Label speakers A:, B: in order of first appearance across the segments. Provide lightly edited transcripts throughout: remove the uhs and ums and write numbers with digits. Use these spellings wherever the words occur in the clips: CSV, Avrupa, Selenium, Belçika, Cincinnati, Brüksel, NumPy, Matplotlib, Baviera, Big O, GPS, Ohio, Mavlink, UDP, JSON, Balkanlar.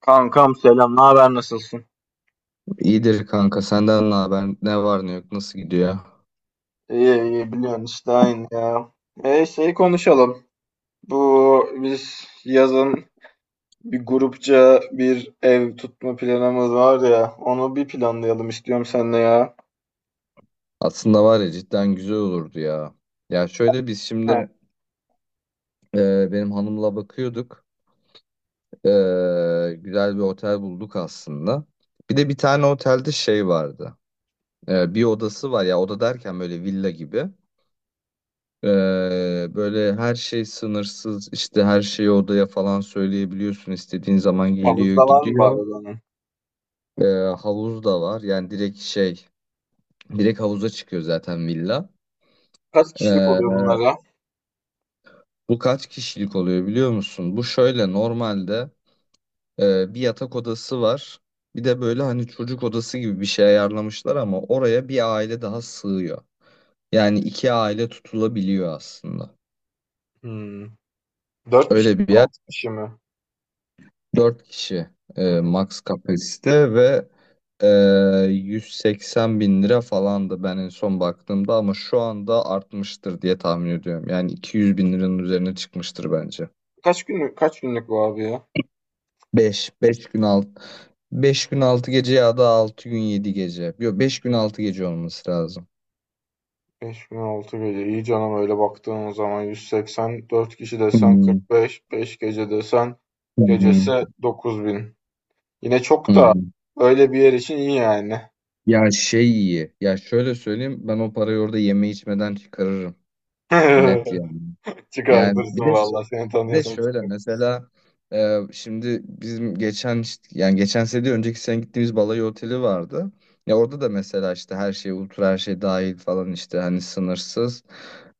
A: Kankam selam, ne haber nasılsın?
B: İyidir kanka senden ne haber ne var ne yok nasıl gidiyor?
A: İyi iyi biliyorsun işte aynı ya. Şeyi konuşalım. Bu biz yazın bir grupça bir ev tutma planımız var ya. Onu bir planlayalım istiyorum seninle ya.
B: Aslında var ya cidden güzel olurdu ya. Ya şöyle biz
A: Heh.
B: şimdi benim hanımla bakıyorduk. E, Güzel bir otel bulduk aslında. Bir de bir tane otelde şey vardı. Bir odası var ya, oda derken böyle villa gibi. E, Böyle her şey sınırsız, işte her şeyi odaya falan söyleyebiliyorsun. İstediğin zaman geliyor
A: Havuzda var mı bari
B: gidiyor.
A: onun?
B: E, Havuz da var, yani direkt direkt havuza çıkıyor zaten villa.
A: Kaç kişilik oluyor
B: Ee,
A: bunlar ya?
B: Bu kaç kişilik oluyor biliyor musun? Bu şöyle normalde bir yatak odası var. Bir de böyle hani çocuk odası gibi bir şey ayarlamışlar ama oraya bir aile daha sığıyor. Yani iki aile tutulabiliyor aslında.
A: Hmm. Dört
B: Öyle bir yer.
A: kişi mi?
B: Dört kişi
A: Hmm.
B: max kapasite ve e, 180 bin lira falandı ben en son baktığımda, ama şu anda artmıştır diye tahmin ediyorum. Yani 200 bin liranın üzerine çıkmıştır bence.
A: Kaç günlük bu abi ya?
B: Beş gün 6. Beş gün 6 gece ya da 6 gün 7 gece. Yok, 5 gün 6 gece olması lazım.
A: 5006 gece. İyi canım öyle baktığın zaman 180, dört kişi desen
B: Hmm.
A: 45, 5 gece desen
B: Hı hı.
A: gecesi 9000. Yine
B: Hı
A: çok
B: hı.
A: da öyle bir yer için iyi yani.
B: Ya şey iyi. Ya şöyle söyleyeyim, ben o parayı orada yeme içmeden çıkarırım. Net yani. Yani
A: Çıkartırsın
B: bir de
A: valla seni
B: Bir de
A: tanıyorsan
B: şöyle
A: çıkart.
B: mesela şimdi bizim yani geçen sene değil, önceki sene gittiğimiz balayı oteli vardı. Ya orada da mesela işte her şey ultra, her şey dahil falan, işte hani sınırsız.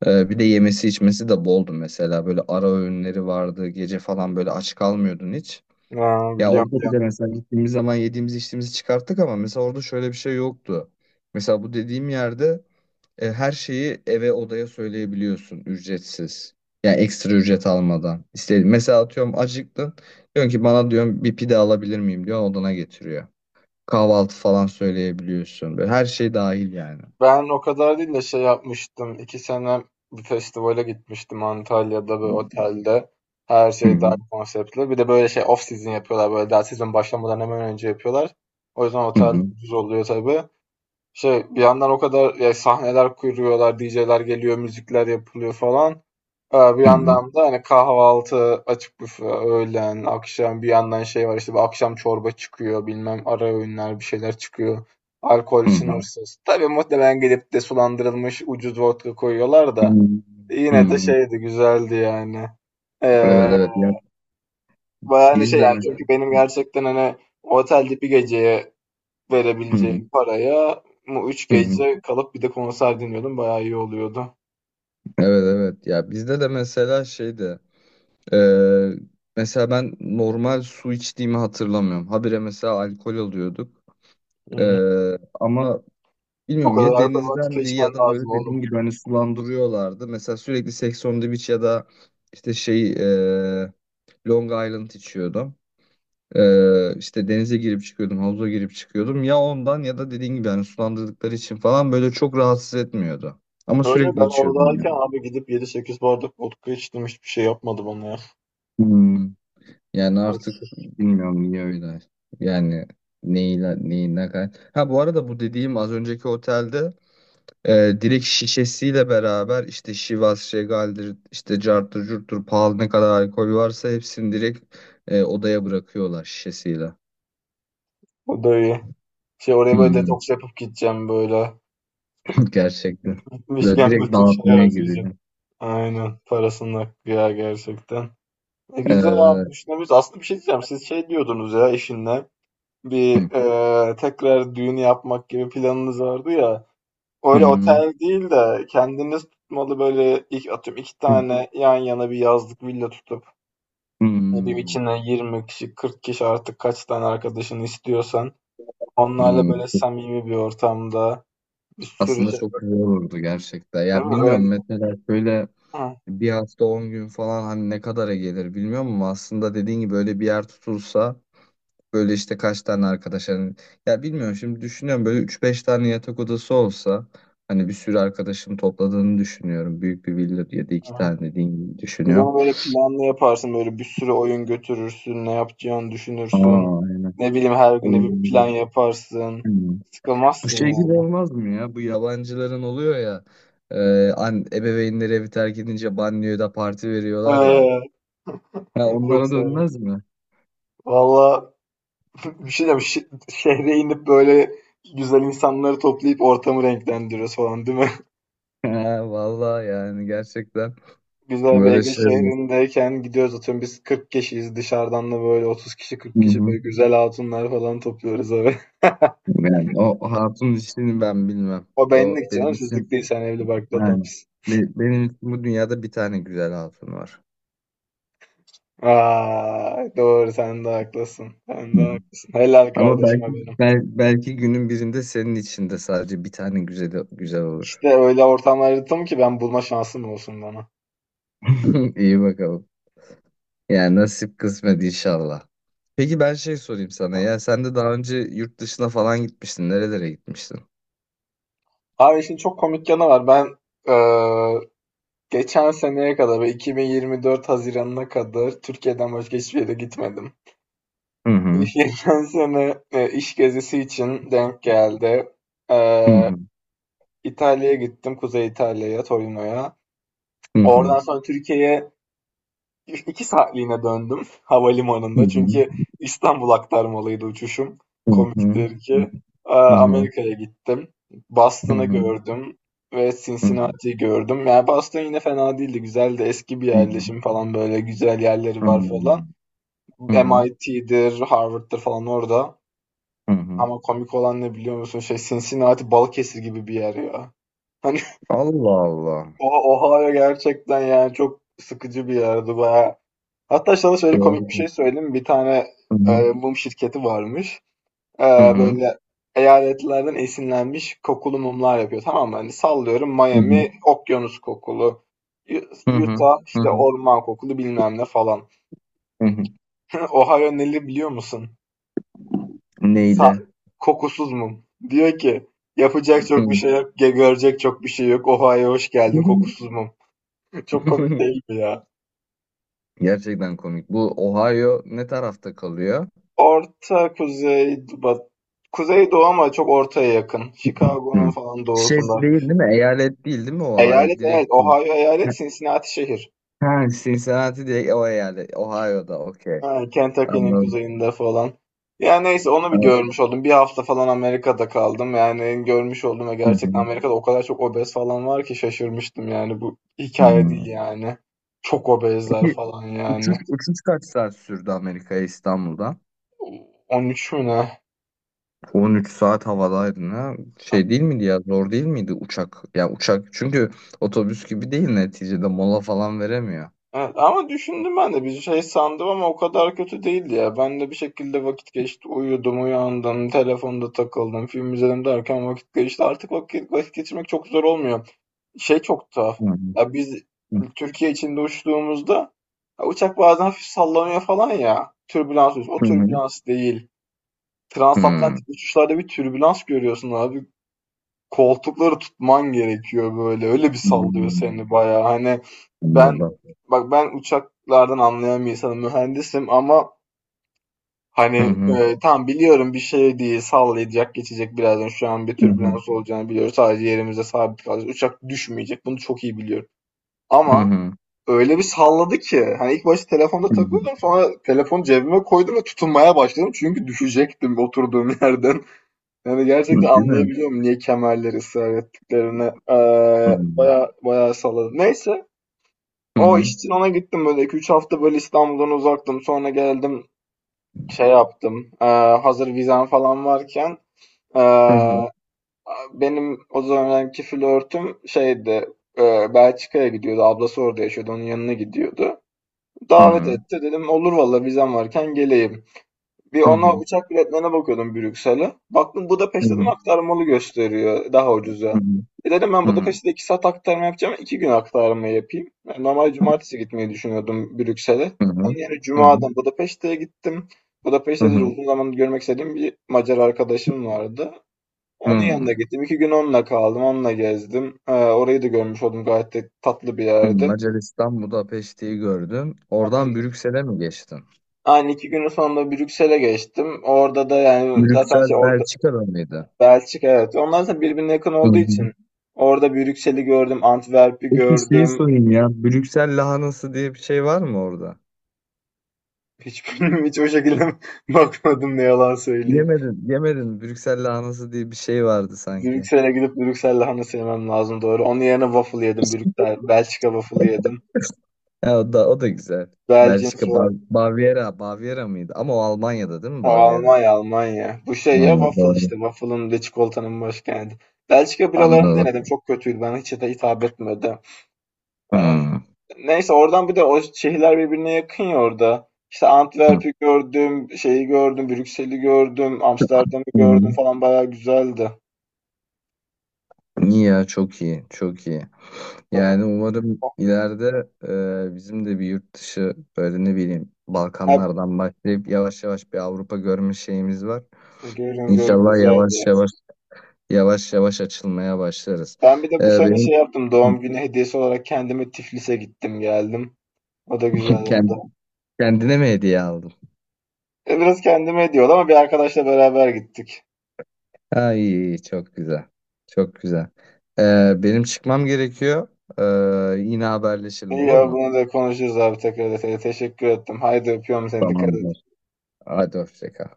B: Bir de yemesi içmesi de boldu mesela, böyle ara öğünleri vardı gece falan, böyle aç kalmıyordun hiç.
A: Aa,
B: Ya
A: biliyorum
B: orada bir de
A: biliyorum.
B: mesela gittiğimiz zaman yediğimiz içtiğimizi çıkarttık, ama mesela orada şöyle bir şey yoktu. Mesela bu dediğim yerde her şeyi odaya söyleyebiliyorsun ücretsiz. Yani ekstra ücret almadan. İstediğin. Mesela atıyorum, acıktın. Diyorsun ki, bana diyorum bir pide alabilir miyim, diyor odana getiriyor. Kahvaltı falan söyleyebiliyorsun. Böyle her şey dahil yani.
A: Ben o kadar değil de şey yapmıştım. 2 sene bir festivale gitmiştim Antalya'da bir otelde. Her
B: Hı
A: şey
B: hı,
A: dahil konseptli. Bir de böyle şey off season yapıyorlar. Böyle daha sezon başlamadan hemen önce yapıyorlar. O yüzden
B: hı
A: otel
B: hı,
A: ucuz oluyor tabii. Şey bir yandan o kadar ya sahneler kuruyorlar, DJ'ler geliyor, müzikler yapılıyor falan. Bir
B: hı hı,
A: yandan da hani kahvaltı, açık büfe, öğlen, akşam bir yandan şey var işte bir akşam çorba çıkıyor, bilmem ara öğünler bir şeyler çıkıyor. Alkol
B: hı hı,
A: sınırsız. Tabii muhtemelen gelip de sulandırılmış ucuz vodka koyuyorlar
B: hı
A: da
B: hı, hı
A: yine de
B: hı.
A: şeydi güzeldi yani.
B: Evet
A: Ee,
B: evet, ya
A: Bayağı hani
B: biz
A: şey
B: de
A: yani
B: mi?
A: çünkü benim gerçekten hani otelde bir geceye
B: Hı hı,
A: verebileceğim paraya bu üç
B: hı hı.
A: gece kalıp bir de konser dinliyordum. Bayağı iyi oluyordu.
B: Evet evet, ya bizde de mesela şeydi e, mesela ben normal su içtiğimi hatırlamıyorum. Habire mesela alkol alıyorduk.
A: Hımm.
B: Ama
A: O
B: bilmiyorum,
A: kadar
B: ya
A: alkol vodka
B: denizdendi
A: içmen
B: ya da böyle
A: lazım oğlum.
B: dediğin gibi hani sulandırıyorlardı. Mesela sürekli Sex on the Beach ya da işte şey Long Island içiyordum. İşte denize girip çıkıyordum, havuza girip çıkıyordum. Ya ondan ya da dediğin gibi hani sulandırdıkları için falan böyle çok rahatsız etmiyordu. Ama
A: Öyle
B: sürekli
A: ben
B: içiyordum
A: oradayken
B: yani.
A: abi gidip yedi sekiz bardak vodka içtim. Hiçbir şey yapmadı bana ya.
B: Hmm. Yani artık bilmiyorum niye öyle. Yani neyle, neyin ne kadar. Ha, bu arada bu dediğim az önceki otelde direkt şişesiyle beraber işte Şivas, Şegal'dir, işte carttır, curttur, pahalı ne kadar alkol varsa hepsini direkt odaya bırakıyorlar şişesiyle.
A: O da iyi. Şey oraya böyle
B: Hmm.
A: detoks yapıp gideceğim böyle.
B: Gerçekten. Böyle
A: Gitmişken
B: direkt
A: bütün şeyi
B: dağıtmaya gidiyor.
A: harcayacağım. Aynen. Parasını hakkı ya gerçekten. Güzel abi
B: Evet.
A: düşünebiliriz. Aslında bir şey diyeceğim. Siz şey diyordunuz ya eşinle. Bir,
B: Evet.
A: tekrar düğün yapmak gibi planınız vardı ya.
B: Hı
A: Öyle
B: hı.
A: otel değil de kendiniz tutmalı böyle ilk atıyorum iki tane yan yana bir yazlık villa tutup ne bileyim
B: Hmm.
A: içine 20 kişi 40 kişi artık kaç tane arkadaşını istiyorsan onlarla
B: Hmm.
A: böyle samimi bir ortamda bir sürü
B: Aslında
A: şey
B: çok güzel olurdu gerçekten.
A: değil
B: Ya
A: mi?
B: bilmiyorum,
A: Öyle,
B: mesela şöyle
A: hı,
B: bir hafta 10 gün falan hani ne kadara gelir bilmiyorum, ama aslında dediğin gibi öyle bir yer tutulsa. Böyle işte kaç tane arkadaşların ya bilmiyorum, şimdi düşünüyorum böyle üç beş tane yatak odası olsa, hani bir sürü arkadaşım topladığını düşünüyorum. Büyük bir villa ya da iki
A: hı.
B: tane dediğin gibi
A: Bir de
B: düşünüyorum.
A: onu böyle planlı yaparsın böyle bir sürü oyun götürürsün ne yapacağını düşünürsün
B: Aa, aynen.
A: ne bileyim her güne bir plan
B: Oyun.
A: yaparsın
B: Hmm. Bu
A: sıkılmazsın
B: şey gibi
A: yani.
B: olmaz mı ya? Bu yabancıların oluyor ya. Ebeveynleri evi terk edince banyoya da parti veriyorlar ya.
A: Ee,
B: Ha,
A: Çok
B: onlara
A: severim.
B: dönmez mi?
A: Valla, bir şey diyeceğim. Şehre inip böyle güzel insanları toplayıp ortamı renklendiriyoruz falan değil mi?
B: Ha, vallahi yani gerçekten
A: Güzel bir
B: böyle
A: Ege
B: şey olur.
A: şehrindeyken gidiyoruz atıyorum biz 40 kişiyiz, dışarıdan da böyle 30 kişi 40
B: Hı
A: kişi böyle
B: hı.
A: güzel hatunlar falan topluyoruz abi.
B: Yani o hatun işini ben bilmem.
A: O
B: O
A: benlik canım,
B: benim
A: sizlik
B: için,
A: değil, sen evli barklı
B: yani
A: adamsın.
B: benim için bu dünyada bir tane güzel hatun var.
A: Aa, doğru, sen de haklısın. Sen de
B: Hı hı.
A: haklısın. Helal
B: Ama
A: kardeşime
B: belki
A: benim.
B: belki günün birinde senin için de sadece bir tane güzel güzel olur.
A: İşte öyle ortamlar yarattım ki ben bulma şansım olsun bana.
B: İyi bakalım. Yani nasip kısmet inşallah. Peki ben şey sorayım sana, ya sen de daha önce yurt dışına falan gitmiştin. Nerelere gitmiştin?
A: Abi işin çok komik yanı var. Ben geçen seneye kadar ve 2024 haziranına kadar Türkiye'den başka hiçbir yere gitmedim.
B: Hı hı.
A: Geçen sene iş gezisi için denk geldi.
B: Hı
A: Ee,
B: hı.
A: İtalya'ya gittim. Kuzey İtalya'ya, Torino'ya.
B: Hı
A: Oradan
B: hı.
A: sonra Türkiye'ye 2 saatliğine döndüm havalimanında, çünkü İstanbul aktarmalıydı uçuşum.
B: Hı hı.
A: Komiktir ki. Aa,
B: Hı hı. Hı hı.
A: Amerika'ya gittim.
B: Hı
A: Boston'ı
B: hı.
A: gördüm ve
B: Hı hı.
A: Cincinnati'yi gördüm. Yani Boston yine fena değildi. Güzeldi. Eski bir yerleşim falan, böyle güzel yerleri
B: Hı hı. Hı
A: var
B: hı.
A: falan.
B: Hı hı.
A: MIT'dir, Harvard'dır falan orada.
B: Hı hı.
A: Ama komik olan ne biliyor musun? Şey, Cincinnati Balıkesir gibi bir yer ya. Hani
B: Allah Allah.
A: o Ohio gerçekten yani çok sıkıcı bir yerdi. Bayağı, hatta sana şöyle
B: Doğru.
A: komik bir şey söyleyeyim. Bir tane
B: Hı hı.
A: mum şirketi varmış. E,
B: Hı hı.
A: Böyle eyaletlerden esinlenmiş kokulu mumlar yapıyor. Tamam mı? Hani sallıyorum,
B: Hı hı.
A: Miami okyanus kokulu.
B: Hı hı.
A: Utah
B: Hı
A: işte
B: hı.
A: orman kokulu bilmem ne falan.
B: Hı hı.
A: Ohio neli biliyor musun? Sa-
B: Neyle?
A: Kokusuz mum. Diyor ki yapacak
B: Hı.
A: çok bir şey yok. Görecek çok bir şey yok. Ohio'ya hoş geldin, kokusuz mum. Çok komik değil mi ya?
B: Gerçekten komik. Bu Ohio ne tarafta kalıyor?
A: Orta kuzey bat Kuzey Doğu, ama çok ortaya yakın. Chicago'nun
B: Hı.
A: falan
B: Şey
A: doğusunda hafif.
B: değil, değil mi? Eyalet değil, değil mi Ohio?
A: Eyalet, evet.
B: Direkt.
A: Ohio
B: Ha,
A: eyalet, Cincinnati şehir.
B: ha, Cincinnati direkt o eyalet. Ohio'da okey.
A: Ha, Kentucky'nin
B: Anladım.
A: kuzeyinde falan. Yani neyse, onu bir
B: Evet.
A: görmüş oldum. Bir hafta falan Amerika'da kaldım. Yani görmüş oldum ve
B: Hı hı.
A: gerçekten Amerika'da o kadar çok obez falan var ki şaşırmıştım yani. Bu
B: Hı
A: hikaye değil
B: hı.
A: yani. Çok obezler
B: Peki
A: falan
B: uçuş,
A: yani.
B: uçuş kaç saat sürdü Amerika'ya İstanbul'dan?
A: 13 mü ne?
B: 13 saat havadaydın ha. Şey değil miydi ya, zor değil miydi uçak? Ya uçak, çünkü otobüs gibi değil neticede, mola falan veremiyor.
A: Evet, ama düşündüm, ben de bir şey sandım ama o kadar kötü değildi ya. Ben de bir şekilde vakit geçti. Uyudum, uyandım, telefonda takıldım, film izledim derken vakit geçti. Artık vakit geçirmek çok zor olmuyor. Şey çok tuhaf.
B: Hı hı.
A: Ya biz Türkiye içinde uçtuğumuzda ya uçak bazen hafif sallanıyor falan ya. Türbülans oluyor. O
B: Hı hı.
A: türbülans değil.
B: Hı.
A: Transatlantik uçuşlarda bir türbülans görüyorsun abi. Koltukları tutman gerekiyor böyle, öyle bir sallıyor
B: Hı.
A: seni bayağı. Hani ben,
B: Anladım.
A: bak, ben uçaklardan anlayan bir insanım, mühendisim, ama
B: Hı
A: hani,
B: hı.
A: tamam biliyorum bir şey değil, sallayacak, geçecek birazdan. Şu an bir
B: Hı hı.
A: türbülans olacağını biliyoruz. Sadece yerimize sabit kalacağız. Uçak düşmeyecek. Bunu çok iyi biliyorum.
B: Hı
A: Ama
B: hı.
A: öyle bir salladı ki hani ilk başta telefonda
B: Hı
A: takılıyordum. Sonra telefonu cebime koydum ve tutunmaya başladım. Çünkü düşecektim oturduğum yerden. Yani gerçekten
B: hı. Değil mi?
A: anlayabiliyorum niye kemerleri ısrar ettiklerini.
B: Hı hı.
A: Baya baya salladım. Neyse,
B: Hı
A: o
B: hı.
A: iş için ona gittim, böyle 2 üç hafta böyle İstanbul'dan uzaktım. Sonra geldim, şey yaptım. Hazır vizem falan varken ee,
B: Hı hı.
A: benim o zamanki flörtüm şeydi, Belçika'ya gidiyordu. Ablası orada yaşıyordu. Onun yanına gidiyordu.
B: Hı
A: Davet
B: hı.
A: etti. Dedim olur valla, vizem varken geleyim. Bir
B: Hı
A: ona
B: hı.
A: uçak biletlerine bakıyordum, Brüksel'e. Baktım
B: Hı
A: Budapeşte, dedim
B: hı.
A: aktarmalı gösteriyor daha
B: Hı
A: ucuza.
B: hı.
A: E dedim ben
B: Hı hı.
A: Budapeşte'de 2 saat aktarma yapacağım. 2 gün aktarma yapayım. Yani normal cumartesi gitmeyi düşünüyordum Brüksel'e.
B: Hı
A: Onun
B: hı.
A: yerine Cuma'dan Budapeşte'ye gittim.
B: Hı
A: Budapeşte'de de
B: hı.
A: uzun zamandır görmek istediğim bir Macar arkadaşım vardı. Onun
B: Hı.
A: yanına gittim. 2 gün onunla kaldım. Onunla gezdim. Orayı da görmüş oldum. Gayet de tatlı bir
B: Hı.
A: yerdi.
B: Macaristan Budapeşte'yi gördün. Oradan
A: Aynen.
B: Brüksel'e mi geçtin?
A: Aynı 2 günün sonunda Brüksel'e geçtim. Orada da yani zaten şey,
B: Brüksel
A: orada
B: Belçika'da mıydı?
A: Belçika, evet. Onlar da birbirine yakın
B: Hı
A: olduğu
B: hı.
A: için orada Brüksel'i gördüm, Antwerp'i
B: Peki şeyi
A: gördüm.
B: sorayım ya, Brüksel lahanası diye bir şey var mı orada?
A: Hiçbirini hiç o şekilde bakmadım, ne yalan söyleyeyim.
B: Yemedin, yemedin. Brüksel lahanası diye bir şey vardı sanki.
A: Brüksel'e gidip Brüksel lahanası yemem lazım, doğru. Onun yerine waffle yedim. Brüksel, Belçika waffle yedim.
B: Ya o da, o da güzel. Belçika
A: Belçika,
B: Baviera, Baviera mıydı? Ama o Almanya'da değil mi
A: ha,
B: Baviera?
A: Almanya, Almanya. Bu şey
B: Ha,
A: ya, waffle
B: doğru.
A: işte. Waffle'ın ve çikolatanın başkenti. Belçika biralarını
B: Anladım.
A: denedim. Çok kötüydü. Bana hiç de hitap etmedi. Ee,
B: Hmm.
A: Neyse, oradan bir de o şehirler birbirine yakın ya orada. İşte
B: Hı.
A: Antwerp'i gördüm, şeyi gördüm, Brüksel'i gördüm, Amsterdam'ı
B: Hı
A: gördüm
B: hı.
A: falan, bayağı güzeldi.
B: İyi ya, çok iyi çok iyi. Yani umarım ileride bizim de bir yurt dışı, böyle ne bileyim
A: Hep
B: Balkanlardan başlayıp yavaş yavaş bir Avrupa görme şeyimiz var.
A: görün görün
B: İnşallah yavaş
A: güzeldi.
B: yavaş. Yavaş yavaş açılmaya başlarız.
A: Ben bir de bu sene
B: Benim
A: şey yaptım, doğum günü hediyesi olarak kendime Tiflis'e gittim geldim. O da güzel
B: kend-
A: oldu.
B: kendine mi hediye aldın?
A: Biraz kendime hediye oldu ama bir arkadaşla beraber gittik.
B: Ay çok güzel. Çok güzel. Benim çıkmam gerekiyor. Yine haberleşelim
A: İyi
B: olur
A: ya,
B: mu?
A: bunu da konuşuruz abi, tekrar detaylı. Teşekkür ettim. Haydi öpüyorum seni, dikkat et.
B: Tamamdır. Hadi hoşça kal.